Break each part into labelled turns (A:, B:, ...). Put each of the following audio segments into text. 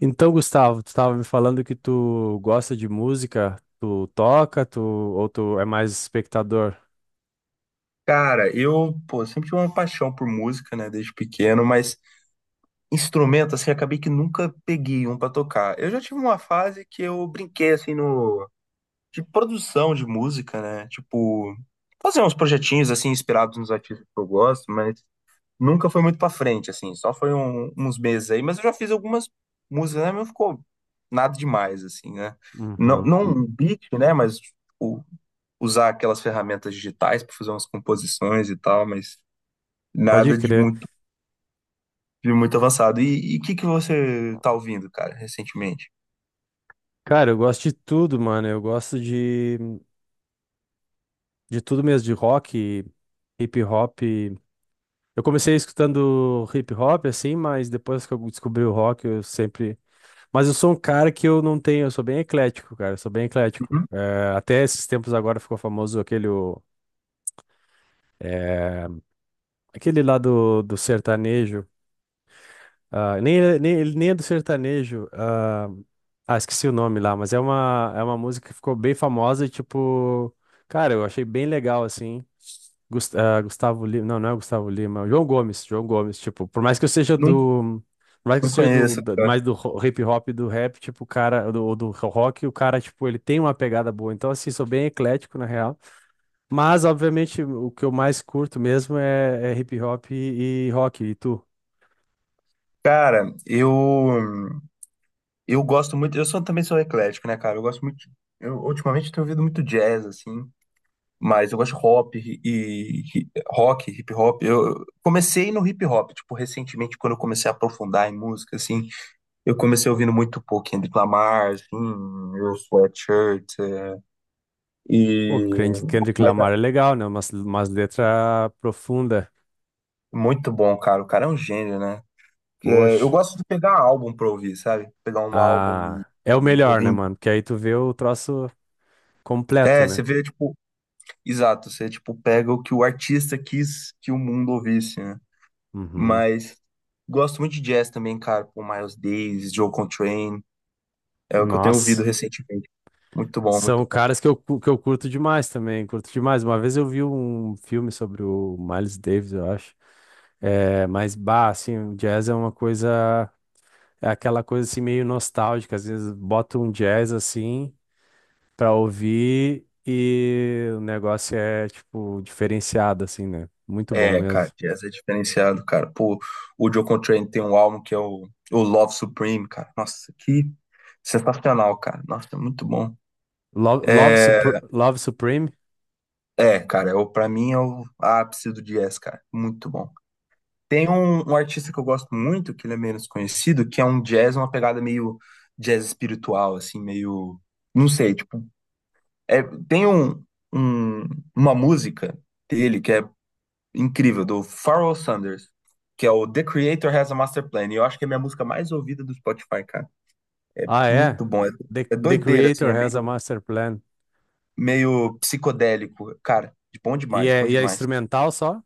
A: Então, Gustavo, tu estava me falando que tu gosta de música, tu toca, tu ou tu é mais espectador?
B: Cara, pô, sempre tive uma paixão por música, né, desde pequeno, mas instrumento, assim, acabei que nunca peguei um pra tocar. Eu já tive uma fase que eu brinquei, assim, no, de produção de música, né, tipo, fazer uns projetinhos, assim, inspirados nos artistas que eu gosto, mas nunca foi muito pra frente, assim, só foi uns meses aí, mas eu já fiz algumas músicas, né, mas não ficou nada demais, assim, né. Não,
A: Uhum.
B: não um beat, né, mas o- usar aquelas ferramentas digitais pra fazer umas composições e tal, mas.
A: Pode
B: Nada de
A: crer.
B: muito, de muito avançado. E o que que você tá ouvindo, cara, recentemente?
A: Cara, eu gosto de tudo, mano. De tudo mesmo, de rock, hip hop. Eu comecei escutando hip hop assim, mas depois que eu descobri o rock, eu sempre. Mas eu sou um cara que eu não tenho, eu sou bem eclético, cara. Eu sou bem eclético.
B: Uhum.
A: É, até esses tempos agora ficou famoso aquele. É, aquele lá do sertanejo. Ah, nem, nem, ele nem é do sertanejo. Ah, ah, esqueci o nome lá, mas é é uma música que ficou bem famosa e, tipo, cara, eu achei bem legal, assim. Ah, Gustavo Lima, não, não é Gustavo Lima, é o João Gomes, João Gomes, tipo,
B: Não,
A: por mais que eu
B: não
A: seja do,
B: conheço,
A: da-
B: cara.
A: mais do ro- hip hop e do rap, tipo, o cara, do rock, o cara, tipo, ele tem uma pegada boa, então, assim, sou bem eclético, na real, mas, obviamente, o que eu mais curto mesmo é hip hop e rock, e tu?
B: Cara, eu gosto muito. Também sou eclético, né, cara? Eu gosto muito. Eu ultimamente tenho ouvido muito jazz, assim. Mas eu gosto de hop e rock, hip hop. Eu comecei no hip hop, tipo, recentemente, quando eu comecei a aprofundar em música, assim, eu comecei ouvindo muito pouco Kendrick Lamar, assim, Earl Sweatshirt,
A: O
B: e.
A: Kendrick Lamar é legal, né? Umas letras profundas.
B: Muito bom, cara. O cara é um gênio, né? É, eu
A: Poxa.
B: gosto de pegar álbum pra ouvir, sabe? Pegar um álbum e,
A: Ah, é o
B: e
A: melhor, né,
B: ouvir.
A: mano? Porque aí tu vê o troço completo,
B: É,
A: né?
B: você vê, tipo, exato, você, tipo, pega o que o artista quis que o mundo ouvisse, né?
A: Uhum.
B: Mas gosto muito de jazz também, cara, com Miles Davis, Joe Contrain é o que eu tenho ouvido
A: Nossa.
B: recentemente. Muito bom, muito
A: São
B: bom.
A: caras que que eu curto demais também. Curto demais. Uma vez eu vi um filme sobre o Miles Davis, eu acho. É, mas, bah, assim, o jazz é uma coisa. É aquela coisa assim meio nostálgica. Às vezes bota um jazz assim pra ouvir e o negócio é, tipo, diferenciado, assim, né? Muito bom
B: É, cara,
A: mesmo.
B: jazz é diferenciado, cara. Pô, o Joe Contrain tem um álbum que é o Love Supreme, cara. Nossa, que sensacional, cara. Nossa, é muito bom.
A: Love
B: É,
A: Love Supreme?
B: é, cara, eu, pra mim é o ápice do jazz, cara. Muito bom. Tem um artista que eu gosto muito, que ele é menos conhecido, que é um jazz, uma pegada meio jazz espiritual, assim, meio. Não sei, tipo. É, tem um- uma música dele que é incrível, do Pharoah Sanders, que é o The Creator Has a Master Plan. E eu acho que é a minha música mais ouvida do Spotify, cara.
A: Ah, é?
B: Muito bom. É,
A: The,
B: é
A: The
B: doideira, assim,
A: Creator
B: é
A: Has a
B: meio,
A: Master Plan.
B: meio psicodélico. Cara, bom demais, bom
A: E é
B: demais.
A: instrumental só?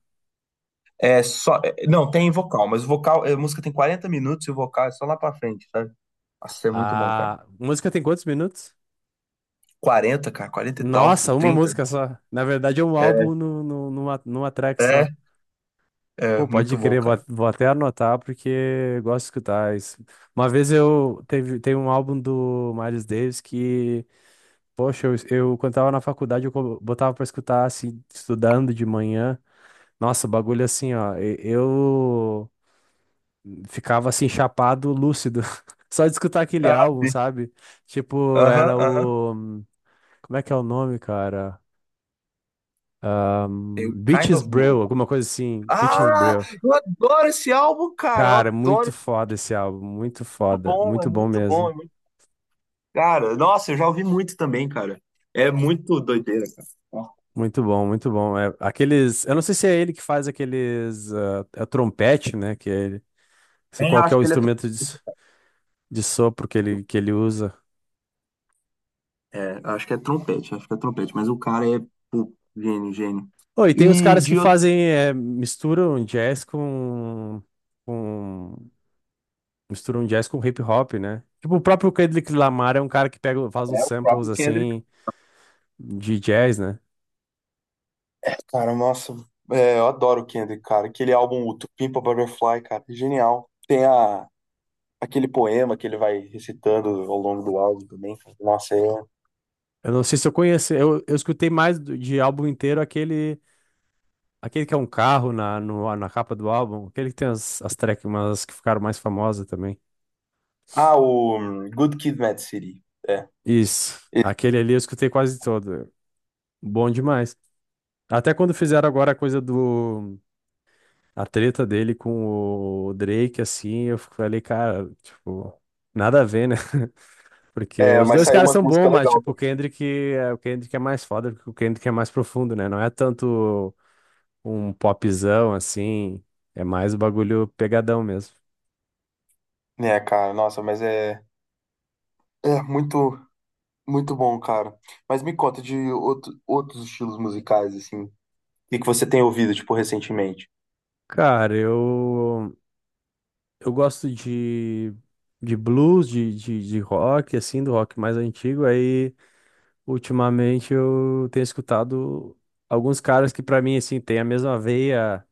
B: É só. Não, tem vocal, mas o vocal. A música tem 40 minutos e o vocal é só lá pra frente, sabe? Nossa, é muito bom, cara.
A: A música tem quantos minutos?
B: 40, cara, 40 e tal.
A: Nossa, uma
B: 30.
A: música só. Na verdade, é um
B: É,
A: álbum no, no, numa, numa track
B: é,
A: só.
B: é,
A: Pô,
B: muito
A: pode
B: bom,
A: crer,
B: cara.
A: vou, vou até anotar porque eu gosto de escutar isso. Uma vez eu teve, tem um álbum do Miles Davis que Poxa, eu quando tava na faculdade, botava pra escutar, assim, estudando de manhã. Nossa, o bagulho assim, ó, eu ficava assim, chapado, lúcido. Só de escutar aquele
B: Ah,
A: álbum,
B: sim.
A: sabe? Tipo,
B: Aham,
A: era
B: aham.
A: o. Como é que é o nome, cara? Um,
B: Kind
A: Beaches
B: of Blue.
A: Brew, alguma coisa assim. Beaches
B: Ah,
A: Brew.
B: eu adoro esse álbum, cara. Eu
A: Cara, muito
B: adoro. É
A: foda esse álbum, muito
B: muito
A: foda,
B: bom, é
A: muito bom
B: muito bom.
A: mesmo.
B: É muito. Cara, nossa, eu já ouvi muito também, cara. É muito doideira, cara. Ó.
A: Muito bom, muito bom. É, aqueles, eu não sei se é ele que faz aqueles, ah, é o trompete, né? Que é ele Se
B: Nem
A: qual que é
B: acho
A: o
B: que ele é.
A: instrumento de de sopro que ele usa.
B: É, acho que é trompete, acho que é trompete, mas o cara é, pô, gênio, gênio.
A: Oh, e tem os
B: E
A: caras que
B: de.
A: fazem, é, com, misturam jazz com hip hop, né? Tipo, o próprio Kendrick Lamar é um cara que pega, faz uns
B: É o
A: samples,
B: próprio Kendrick.
A: assim, de jazz, né?
B: Cara, nossa, eu adoro o Kendrick, cara. Aquele álbum, o To Pimp a Butterfly, cara, é genial. Tem aquele poema que ele vai recitando ao longo do álbum também, cara. Nossa, é um.
A: Eu não sei se eu conheço, eu escutei mais de álbum inteiro aquele, aquele que é um carro na, no, na capa do álbum, aquele que tem as tracks, umas que ficaram mais famosas também.
B: Ah, o Good Kid, Mad City. É.
A: Isso,
B: Esse-
A: aquele ali eu escutei quase todo. Bom demais. Até quando fizeram agora a coisa do. A treta dele com o Drake, assim, eu falei, cara, tipo, nada a ver, né? Porque
B: É,
A: os
B: mas
A: dois
B: saiu
A: caras
B: umas
A: são bons,
B: músicas
A: mas,
B: legais
A: tipo, o Kendrick é mais foda, porque o Kendrick é mais profundo, né? Não é tanto um popzão, assim, é mais o bagulho pegadão mesmo.
B: também. É, cara, nossa, mas é muito, muito bom, cara. Mas me conta de outros estilos musicais, assim. O que que você tem ouvido, tipo, recentemente?
A: Cara, eu. Eu gosto de. De blues, de rock, assim, do rock mais antigo, aí. Ultimamente eu tenho escutado alguns caras que pra mim assim tem a mesma veia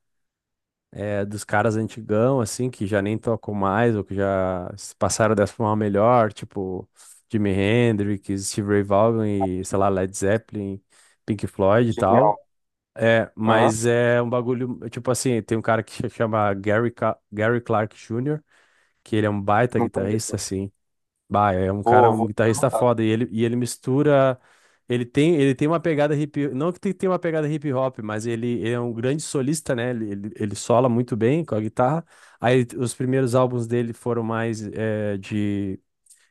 A: eh, dos caras antigão assim que já nem tocam mais ou que já se passaram dessa forma melhor, tipo Jimi Hendrix, Steve Ray Vaughan e sei lá Led Zeppelin, Pink Floyd e tal.
B: Genial.
A: É,
B: Aham,
A: mas é um bagulho, tipo assim, tem um cara que se chama Gary, Gary Clark Jr., que ele é um baita
B: não
A: guitarrista,
B: conheço.
A: assim, bah, é um cara,
B: Vou,
A: um
B: vou
A: guitarrista
B: anotar.
A: foda. E ele mistura. Ele tem uma pegada hip. Não que tem tem uma pegada hip hop, mas ele é um grande solista, né? Ele sola muito bem com a guitarra. Aí os primeiros álbuns dele foram mais eh, de.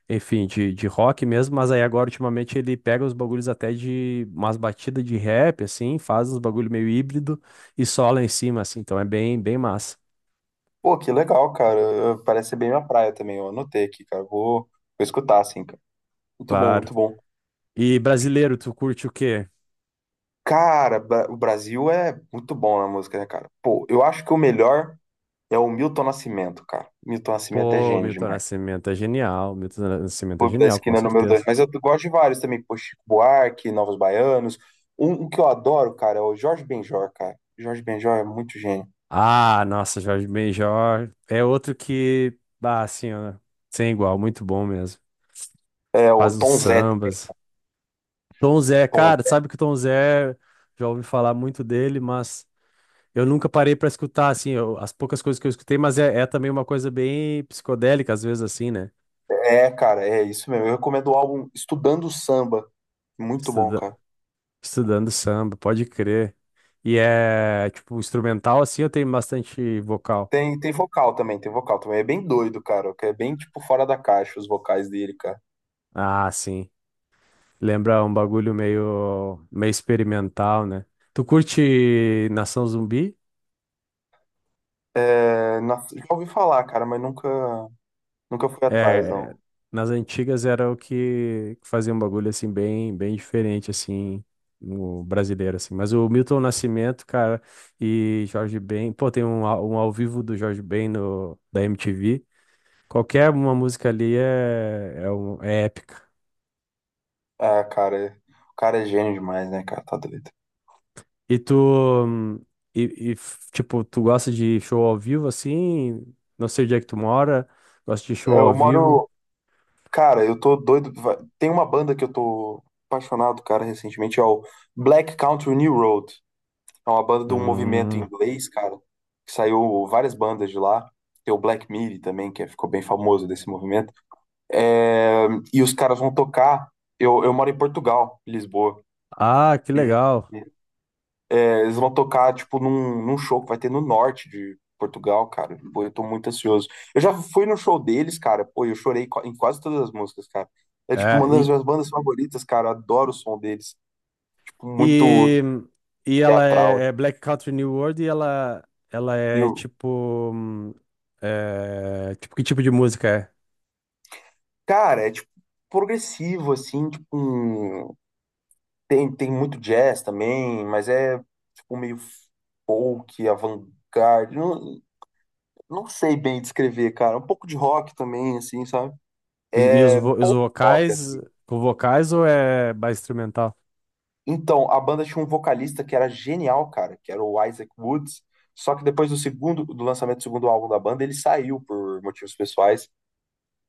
A: Enfim, de rock mesmo, mas aí agora ultimamente ele pega os bagulhos até de umas batidas de rap, assim, faz uns bagulho meio híbrido e sola em cima, assim, então é bem, bem massa.
B: Pô, que legal, cara. Parece ser bem minha praia também. Eu anotei aqui, cara. Vou escutar, assim, cara. Muito bom,
A: Claro.
B: muito bom.
A: E brasileiro, tu curte o quê?
B: Cara, o Brasil é muito bom na música, né, cara? Pô, eu acho que o melhor é o Milton Nascimento, cara. Milton Nascimento é
A: Pô,
B: gênio
A: Milton
B: demais.
A: Nascimento é genial. Milton Nascimento é
B: Clube da
A: genial, com
B: Esquina é o número 2.
A: certeza.
B: Mas eu gosto de vários também. Pô, Chico Buarque, Novos Baianos. Um que eu adoro, cara, é o Jorge Benjor, cara. Jorge Benjor é muito gênio.
A: Ah, nossa, Jorge Benjor é outro que, ah, assim, ó, sem igual, muito bom mesmo.
B: É o
A: Faz os
B: Tom Zé.
A: sambas. Tom Zé,
B: Tom
A: cara,
B: Zé.
A: sabe que o Tom Zé, já ouvi falar muito dele, mas eu nunca parei pra escutar, assim, as poucas coisas que eu escutei, mas é também uma coisa bem psicodélica, às vezes, assim, né?
B: É, cara, é isso mesmo. Eu recomendo o álbum Estudando Samba. Muito bom,
A: Estuda-
B: cara.
A: estudando samba, pode crer. E é, tipo, instrumental, assim, eu tenho bastante vocal.
B: Tem, tem vocal também, tem vocal também. É bem doido, cara, que é bem, tipo, fora da caixa os vocais dele, cara.
A: Ah, sim. Lembra um bagulho meio, meio experimental, né? Tu curte Nação Zumbi?
B: É, já ouvi falar, cara, mas nunca fui atrás,
A: É,
B: não.
A: nas antigas era o que que fazia um bagulho assim bem, bem diferente assim no brasileiro assim. Mas o Milton Nascimento, cara, e Jorge Ben, pô, tem um um ao vivo do Jorge Ben no da MTV. Qualquer uma música ali é épica.
B: É, cara, o cara é gênio demais, né, cara? Tá doido.
A: E tu, hum, e, e, tipo, tu gosta de show ao vivo assim? Não sei onde é que tu mora, gosta de
B: É,
A: show ao
B: eu
A: vivo.
B: moro. Cara, eu tô doido. Tem uma banda que eu tô apaixonado, cara, recentemente, é o Black Country New Road. É uma banda de um movimento
A: Hum.
B: inglês, cara, que saiu várias bandas de lá. Tem o Black Midi também, que é, ficou bem famoso desse movimento. É, e os caras vão tocar. Eu moro em Portugal, em Lisboa.
A: Ah, que
B: E
A: legal.
B: e eles vão tocar, tipo, num show que vai ter no norte de Portugal, cara. Pô, eu tô muito ansioso. Eu já fui no show deles, cara. Pô, eu chorei em quase todas as músicas, cara. É, tipo, uma das
A: E,
B: minhas bandas favoritas, cara. Eu adoro o som deles. Tipo, muito
A: e, e ela
B: teatral.
A: é, é Black Country New World e ela
B: E eu-
A: é, tipo, que tipo de música é?
B: Cara, é, tipo, progressivo, assim. Tipo, tem, tem muito jazz também, mas é, tipo, meio folk, avant-garde. Não sei bem descrever, cara. Um pouco de rock também, assim, sabe?
A: E, e os,
B: É,
A: vo- os
B: pouco rock,
A: vocais,
B: assim.
A: com vocais ou é mais instrumental?
B: Então, a banda tinha um vocalista que era genial, cara, que era o Isaac Woods. Só que depois do segundo, do lançamento do segundo álbum da banda, ele saiu por motivos pessoais.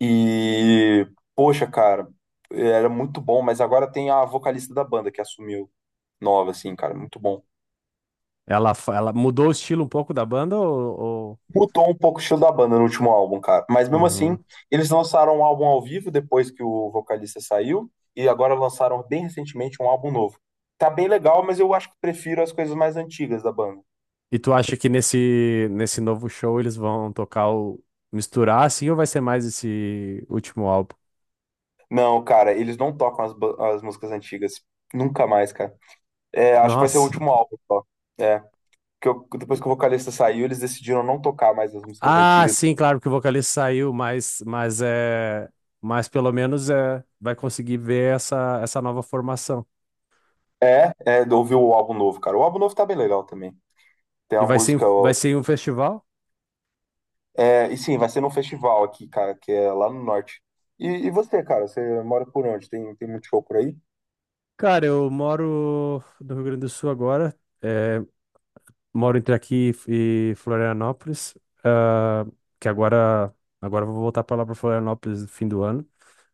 B: E, poxa, cara, era muito bom, mas agora tem a vocalista da banda que assumiu nova, assim, cara, muito bom.
A: Ela, ela mudou o estilo um pouco da banda ou-
B: Mudou um pouco o estilo da banda no último álbum, cara. Mas mesmo assim,
A: Uhum.
B: eles lançaram um álbum ao vivo depois que o vocalista saiu, e agora lançaram bem recentemente um álbum novo. Tá bem legal, mas eu acho que prefiro as coisas mais antigas da banda.
A: E tu acha que nesse novo show eles vão tocar o misturar assim ou vai ser mais esse último álbum?
B: Não, cara, eles não tocam as, as músicas antigas. Nunca mais, cara. É, acho que vai ser o
A: Nossa.
B: último álbum só. É, que eu- depois que o vocalista saiu, eles decidiram não tocar mais as músicas
A: Ah,
B: antigas.
A: sim, claro que o vocalista saiu, mas é. Mas pelo menos é, vai conseguir ver essa, essa nova formação.
B: É, ouviu o álbum novo, cara. O álbum novo tá bem legal também. Tem
A: E
B: uma música.
A: vai ser em um festival?
B: É, e sim, vai ser num festival aqui, cara, que é lá no norte. E você, cara, você mora por onde? Tem, tem muito show por aí?
A: Cara, eu moro no Rio Grande do Sul agora. Moro entre aqui e Florianópolis, ah, que agora agora eu vou voltar para lá para Florianópolis no fim do ano.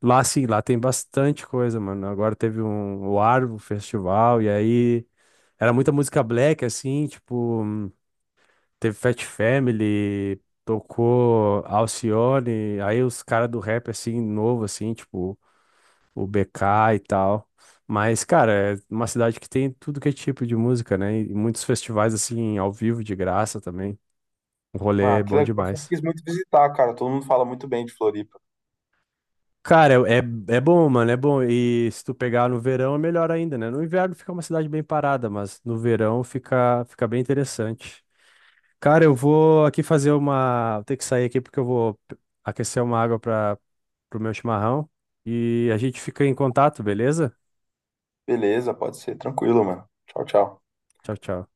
A: Lá sim, lá tem bastante coisa, mano. Agora teve um o Arvo Festival e aí era muita música black assim, tipo, teve Fat Family, tocou Alcione, aí os caras do rap assim novo assim, tipo, o BK e tal. Mas, cara, é uma cidade que tem tudo que é tipo de música, né? E muitos festivais, assim, ao vivo, de graça também. O rolê
B: Ah,
A: é
B: que
A: bom
B: legal. Eu sempre
A: demais.
B: quis muito visitar, cara. Todo mundo fala muito bem de Floripa.
A: Cara, é, é é bom, mano, é bom. E se tu pegar no verão é melhor ainda, né? No inverno fica uma cidade bem parada, mas no verão fica, fica bem interessante. Cara, eu vou aqui fazer uma. Vou ter que sair aqui porque eu vou aquecer uma água para pro meu chimarrão. E a gente fica em contato, beleza?
B: Beleza, pode ser. Tranquilo, mano. Tchau, tchau.
A: Tchau, tchau.